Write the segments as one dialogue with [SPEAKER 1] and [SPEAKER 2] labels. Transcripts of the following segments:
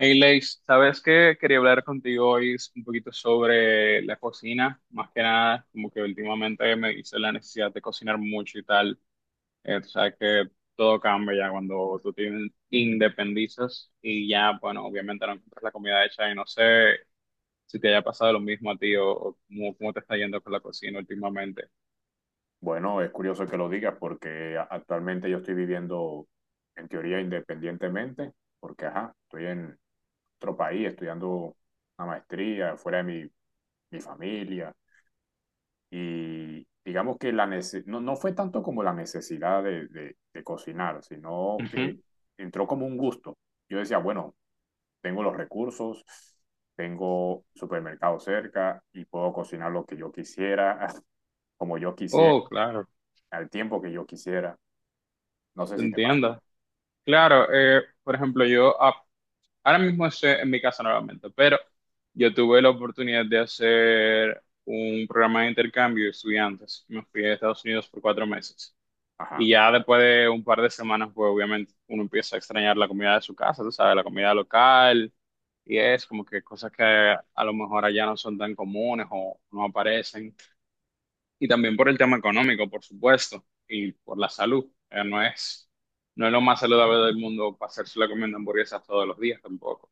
[SPEAKER 1] Hey, Leis, sabes que quería hablar contigo hoy un poquito sobre la cocina, más que nada, como que últimamente me hice la necesidad de cocinar mucho y tal. Tú sabes que todo cambia ya cuando tú te independizas y ya, bueno, obviamente no encuentras la comida hecha y no sé si te haya pasado lo mismo a ti o cómo, cómo te está yendo con la cocina últimamente.
[SPEAKER 2] Bueno, es curioso que lo digas porque actualmente yo estoy viviendo en teoría independientemente, porque ajá, estoy en otro país estudiando una maestría fuera de mi familia y digamos que la no, no fue tanto como la necesidad de, de cocinar, sino que
[SPEAKER 1] Ujú.
[SPEAKER 2] entró como un gusto. Yo decía, bueno, tengo los recursos, tengo supermercado cerca y puedo cocinar lo que yo quisiera, como yo quisiera,
[SPEAKER 1] Oh, claro,
[SPEAKER 2] al tiempo que yo quisiera. No sé
[SPEAKER 1] te
[SPEAKER 2] si te pasó.
[SPEAKER 1] entiendo. Claro, por ejemplo, yo ahora mismo estoy en mi casa nuevamente, pero yo tuve la oportunidad de hacer un programa de intercambio de estudiantes. Me fui a Estados Unidos por cuatro meses.
[SPEAKER 2] Ajá.
[SPEAKER 1] Y ya después de un par de semanas, pues obviamente uno empieza a extrañar la comida de su casa, tú sabes, la comida local. Y es como que cosas que a lo mejor allá no son tan comunes o no aparecen. Y también por el tema económico, por supuesto, y por la salud. No es lo más saludable del mundo pasarse la comiendo hamburguesas todos los días tampoco.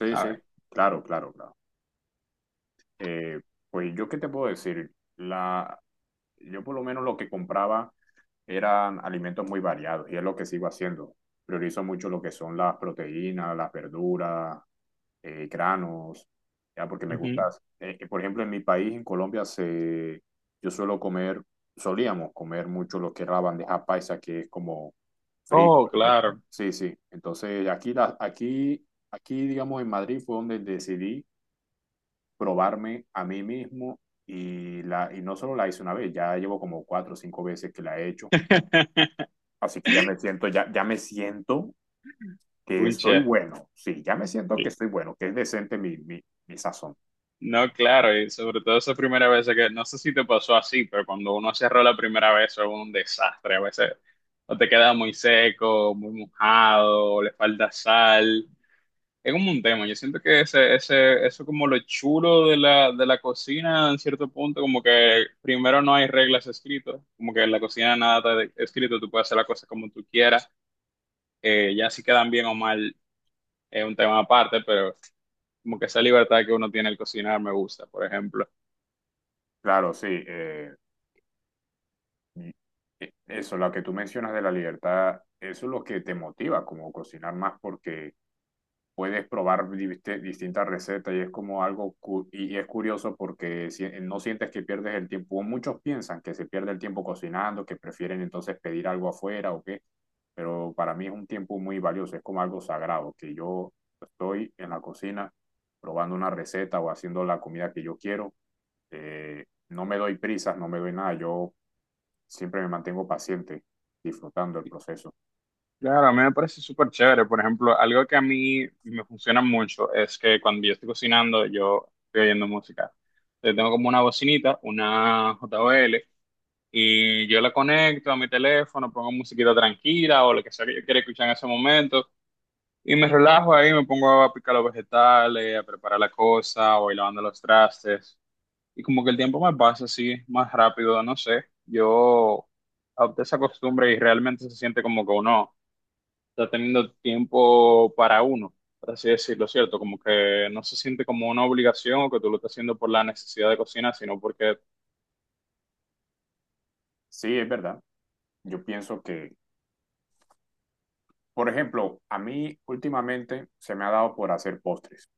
[SPEAKER 2] Sí, sí.
[SPEAKER 1] ¿Sabes?
[SPEAKER 2] Claro, claro, claro. Eh, pues yo qué te puedo decir. Yo por lo menos lo que compraba eran alimentos muy variados y es lo que sigo haciendo. Priorizo mucho lo que son las proteínas, las verduras, granos, ya porque me
[SPEAKER 1] Ujú.
[SPEAKER 2] gusta. Por ejemplo, en mi país, en Colombia, yo suelo solíamos comer mucho lo que es la bandeja paisa, que es como
[SPEAKER 1] Oh,
[SPEAKER 2] frijoles.
[SPEAKER 1] claro.
[SPEAKER 2] Sí, sí. Entonces, aquí, digamos, en Madrid fue donde decidí probarme a mí mismo y y no solo la hice una vez, ya llevo como cuatro o cinco veces que la he hecho. Así que ya me siento, ya me siento que
[SPEAKER 1] Un
[SPEAKER 2] soy
[SPEAKER 1] chef.
[SPEAKER 2] bueno. Sí, ya me siento que soy bueno, que es decente mi sazón.
[SPEAKER 1] No, claro, y sobre todo esa primera vez que, no sé si te pasó así, pero cuando uno cerró la primera vez es un desastre. A veces o te queda muy seco, muy mojado, o le falta sal. Es como un tema. Yo siento que eso como lo chulo de la cocina, en cierto punto, como que primero no hay reglas escritas, como que en la cocina nada está escrito, tú puedes hacer la cosa como tú quieras, ya si quedan bien o mal es un tema aparte, pero como que esa libertad que uno tiene al cocinar me gusta, por ejemplo.
[SPEAKER 2] Claro, sí. Y- Eso, lo que tú mencionas de la libertad, eso es lo que te motiva como cocinar más porque puedes probar distintas recetas y es como algo, y es curioso porque no sientes que pierdes el tiempo. Muchos piensan que se pierde el tiempo cocinando, que prefieren entonces pedir algo afuera o qué, pero para mí es un tiempo muy valioso, es como algo sagrado, que yo estoy en la cocina probando una receta o haciendo la comida que yo quiero. eh, no me doy prisas, no me doy nada. Yo siempre me mantengo paciente, disfrutando el proceso.
[SPEAKER 1] Claro, a mí me parece súper chévere. Por ejemplo, algo que a mí me funciona mucho es que cuando yo estoy cocinando, yo estoy oyendo música. Yo tengo como una bocinita, una JBL, y yo la conecto a mi teléfono, pongo musiquita tranquila o lo que sea que yo quiera escuchar en ese momento, y me relajo ahí, me pongo a picar los vegetales, a preparar la cosa, o ir lavando los trastes. Y como que el tiempo me pasa así más rápido, no sé. Yo adopté esa costumbre y realmente se siente como que uno está teniendo tiempo para uno, por así decirlo, ¿cierto? Como que no se siente como una obligación o que tú lo estás haciendo por la necesidad de cocina, sino porque...
[SPEAKER 2] Sí, es verdad. Yo pienso que, por ejemplo, a mí últimamente se me ha dado por hacer postres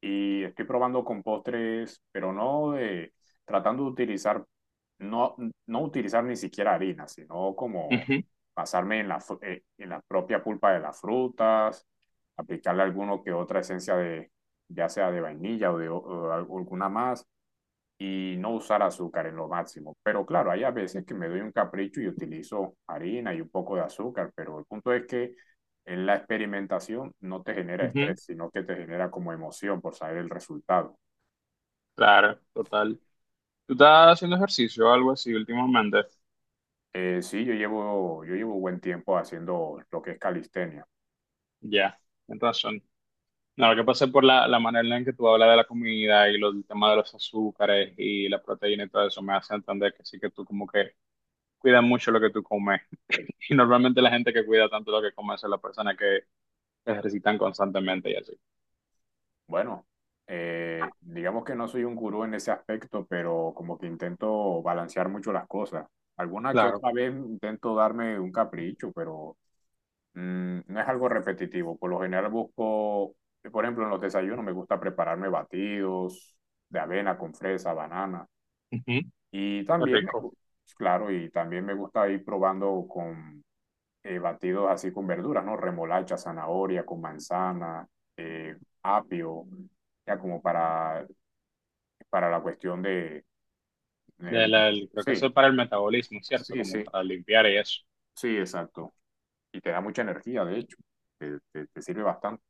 [SPEAKER 2] y estoy probando con postres, pero no tratando de utilizar, no, no utilizar ni siquiera harina, sino como
[SPEAKER 1] Ujú,
[SPEAKER 2] basarme en en la propia pulpa de las frutas, aplicarle alguno que otra esencia de, ya sea de vainilla o o alguna más y no usar azúcar en lo máximo. Pero claro, hay a veces que me doy un capricho y utilizo harina y un poco de azúcar, pero el punto es que en la experimentación no te genera
[SPEAKER 1] ujú,
[SPEAKER 2] estrés, sino que te genera como emoción por saber el resultado.
[SPEAKER 1] claro, total. ¿Tú estás haciendo ejercicio o algo así últimamente?
[SPEAKER 2] Sí, yo llevo buen tiempo haciendo lo que es calistenia.
[SPEAKER 1] Ya, entonces ahora que pasé por la manera en que tú hablas de la comida y los, el tema de los azúcares y la proteína y todo eso, me hace entender que sí que tú como que cuidas mucho lo que tú comes. Y normalmente la gente que cuida tanto lo que come son las personas que se ejercitan constantemente y así.
[SPEAKER 2] Bueno, digamos que no soy un gurú en ese aspecto, pero como que intento balancear mucho las cosas. Alguna que
[SPEAKER 1] Claro,
[SPEAKER 2] otra vez intento darme un capricho, pero Mm, no es algo repetitivo. Por lo general busco, por ejemplo, en los desayunos me gusta prepararme batidos de avena con fresa, banana.
[SPEAKER 1] ujú, qué
[SPEAKER 2] Y también
[SPEAKER 1] rico.
[SPEAKER 2] claro, y también me gusta ir probando con batidos así con verduras, ¿no? Remolacha, zanahoria, con manzana, eh, apio, ya como para la cuestión de...
[SPEAKER 1] De
[SPEAKER 2] el-
[SPEAKER 1] la- el- creo que
[SPEAKER 2] sí,
[SPEAKER 1] eso es para el metabolismo, ¿cierto?
[SPEAKER 2] sí,
[SPEAKER 1] Como
[SPEAKER 2] sí,
[SPEAKER 1] para limpiar y eso.
[SPEAKER 2] sí, exacto. Y te da mucha energía, de hecho. Te sirve bastante.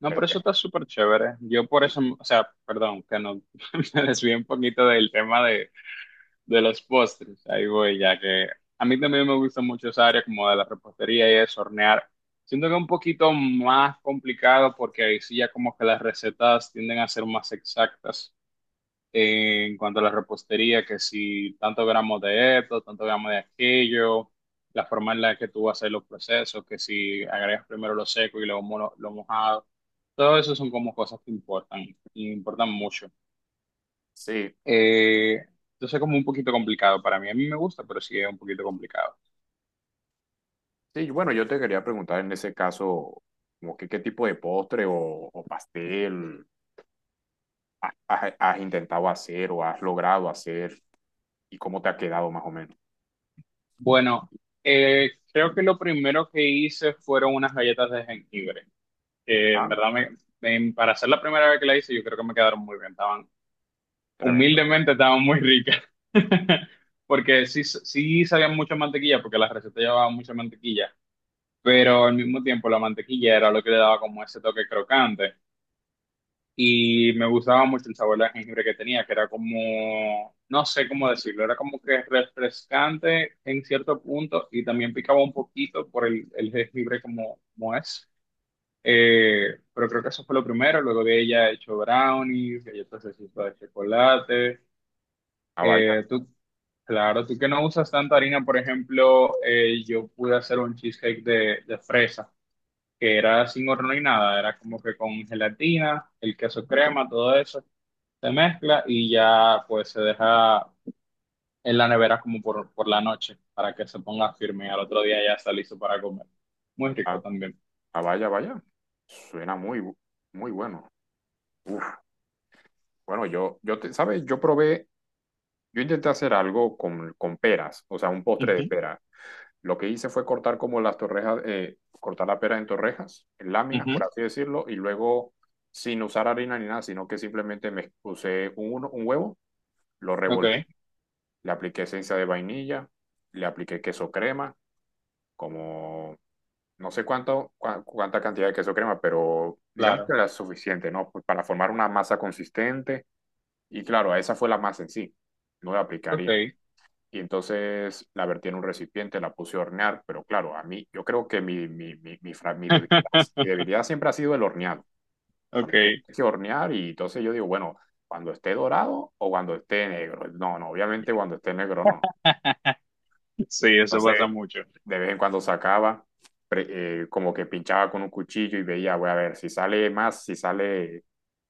[SPEAKER 1] No,
[SPEAKER 2] Pero
[SPEAKER 1] pero
[SPEAKER 2] que...
[SPEAKER 1] eso está súper chévere. Yo por eso, o sea, perdón, que no me desvíe un poquito del tema. De los postres, ahí voy, ya que a mí también me gusta mucho esa área como de la repostería y es hornear. Siento que es un poquito más complicado porque ahí sí ya como que las recetas tienden a ser más exactas en cuanto a la repostería, que si tantos gramos de esto, tantos gramos de aquello, la forma en la que tú vas a hacer los procesos, que si agregas primero lo seco y luego lo mojado, todo eso son como cosas que importan y importan mucho.
[SPEAKER 2] Sí,
[SPEAKER 1] Eh, entonces es como un poquito complicado para mí. A mí me gusta, pero sí es un poquito complicado.
[SPEAKER 2] sí, y bueno, yo te quería preguntar en ese caso, como que, qué tipo de postre o pastel has intentado hacer o has logrado hacer y cómo te ha quedado más o menos.
[SPEAKER 1] Bueno, creo que lo primero que hice fueron unas galletas de jengibre, que en
[SPEAKER 2] Ah,
[SPEAKER 1] verdad, para ser la primera vez que la hice, yo creo que me quedaron muy bien. Estaban,
[SPEAKER 2] tremendo.
[SPEAKER 1] humildemente, estaban muy ricas. Porque sí sabían mucha mantequilla, porque la receta llevaba mucha mantequilla. Pero al mismo tiempo, la mantequilla era lo que le daba como ese toque crocante. Y me gustaba mucho el sabor de jengibre que tenía, que era como, no sé cómo decirlo, era como que refrescante en cierto punto y también picaba un poquito por el jengibre como, como es. Pero creo que eso fue lo primero, luego de ella he hecho brownies, galletas de chispa de chocolate.
[SPEAKER 2] Ah, vaya,
[SPEAKER 1] Eh, tú, claro, tú que no usas tanta harina, por ejemplo, yo pude hacer un cheesecake de fresa, que era sin horno ni nada, era como que con gelatina, el queso crema, todo eso se mezcla y ya pues se deja en la nevera como por la noche para que se ponga firme y al otro día ya está listo para comer. Muy rico
[SPEAKER 2] ah,
[SPEAKER 1] también.
[SPEAKER 2] ah, vaya, vaya. Suena muy bueno. Uf, bueno, yo te, ¿sabes? Yo intenté hacer algo con peras, o sea, un postre de
[SPEAKER 1] Ujú,
[SPEAKER 2] peras. Lo que hice fue cortar como las torrejas, cortar la pera en torrejas, en láminas,
[SPEAKER 1] ujú.
[SPEAKER 2] por así decirlo, y luego sin usar harina ni nada, sino que simplemente me puse un huevo, lo
[SPEAKER 1] Ok,
[SPEAKER 2] revolví, le apliqué esencia de vainilla, le apliqué queso crema, como no sé cuánta cantidad de queso crema, pero digamos que
[SPEAKER 1] claro.
[SPEAKER 2] era suficiente, ¿no? Pues para formar una masa consistente. Y claro, esa fue la masa en sí. No le apliqué harina
[SPEAKER 1] Ok.
[SPEAKER 2] y entonces la vertí en un recipiente, la puse a hornear, pero claro, a mí, yo creo que mi debilidad siempre ha sido el horneado. Cuando tienes
[SPEAKER 1] Ok.
[SPEAKER 2] que hornear, y entonces yo digo, bueno, cuando esté dorado o cuando esté negro. No, no, obviamente cuando esté negro no.
[SPEAKER 1] Sí, eso
[SPEAKER 2] Entonces,
[SPEAKER 1] pasa mucho.
[SPEAKER 2] de vez en cuando como que pinchaba con un cuchillo y veía, voy a ver, si sale más, si sale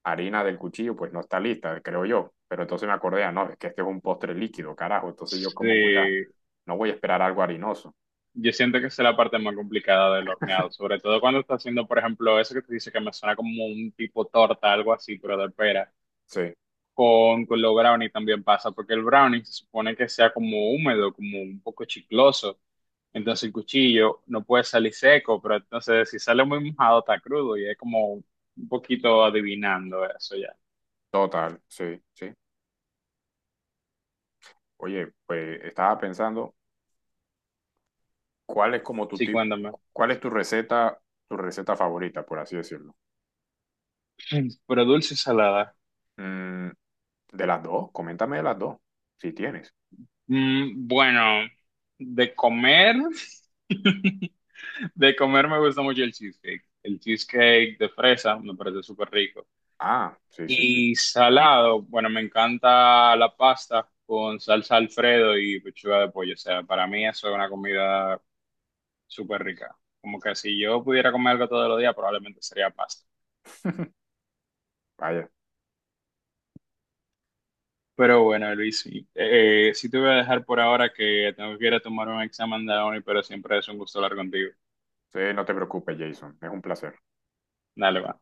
[SPEAKER 2] harina del cuchillo, pues no está lista, creo yo. Pero entonces me acordé, ah, no, es que este es un postre líquido, carajo. Entonces yo
[SPEAKER 1] Sí,
[SPEAKER 2] no voy a esperar algo harinoso.
[SPEAKER 1] yo siento que esa es la parte más complicada del horneado, sobre todo cuando estás haciendo, por ejemplo, eso que te dice que me suena como un tipo torta, algo así, pero de pera.
[SPEAKER 2] Sí,
[SPEAKER 1] Con los brownies también pasa, porque el brownie se supone que sea como húmedo, como un poco chicloso. Entonces el cuchillo no puede salir seco, pero entonces si sale muy mojado está crudo y es como un poquito adivinando eso ya.
[SPEAKER 2] total, sí, sí. Oye, pues estaba pensando, ¿cuál es como tu
[SPEAKER 1] Sí,
[SPEAKER 2] tip,
[SPEAKER 1] cuéntame.
[SPEAKER 2] cuál es tu receta favorita, por así decirlo?
[SPEAKER 1] Pero dulce y salada.
[SPEAKER 2] Mm, de las dos, coméntame de las dos, si tienes.
[SPEAKER 1] Mm, bueno, de comer, de comer me gusta mucho el cheesecake. El cheesecake de fresa me parece súper rico.
[SPEAKER 2] Ah, sí, sí, sí.
[SPEAKER 1] Y salado, bueno, me encanta la pasta con salsa Alfredo y pechuga de pollo. O sea, para mí eso es una comida súper rica. Como que si yo pudiera comer algo todos los días, probablemente sería pasta.
[SPEAKER 2] Vaya,
[SPEAKER 1] Pero bueno, Luis, sí, sí te voy a dejar por ahora que tengo que ir a tomar un examen de hoy, pero siempre es un gusto hablar contigo.
[SPEAKER 2] sí, no te preocupes, Jason. Es un placer.
[SPEAKER 1] Dale, va.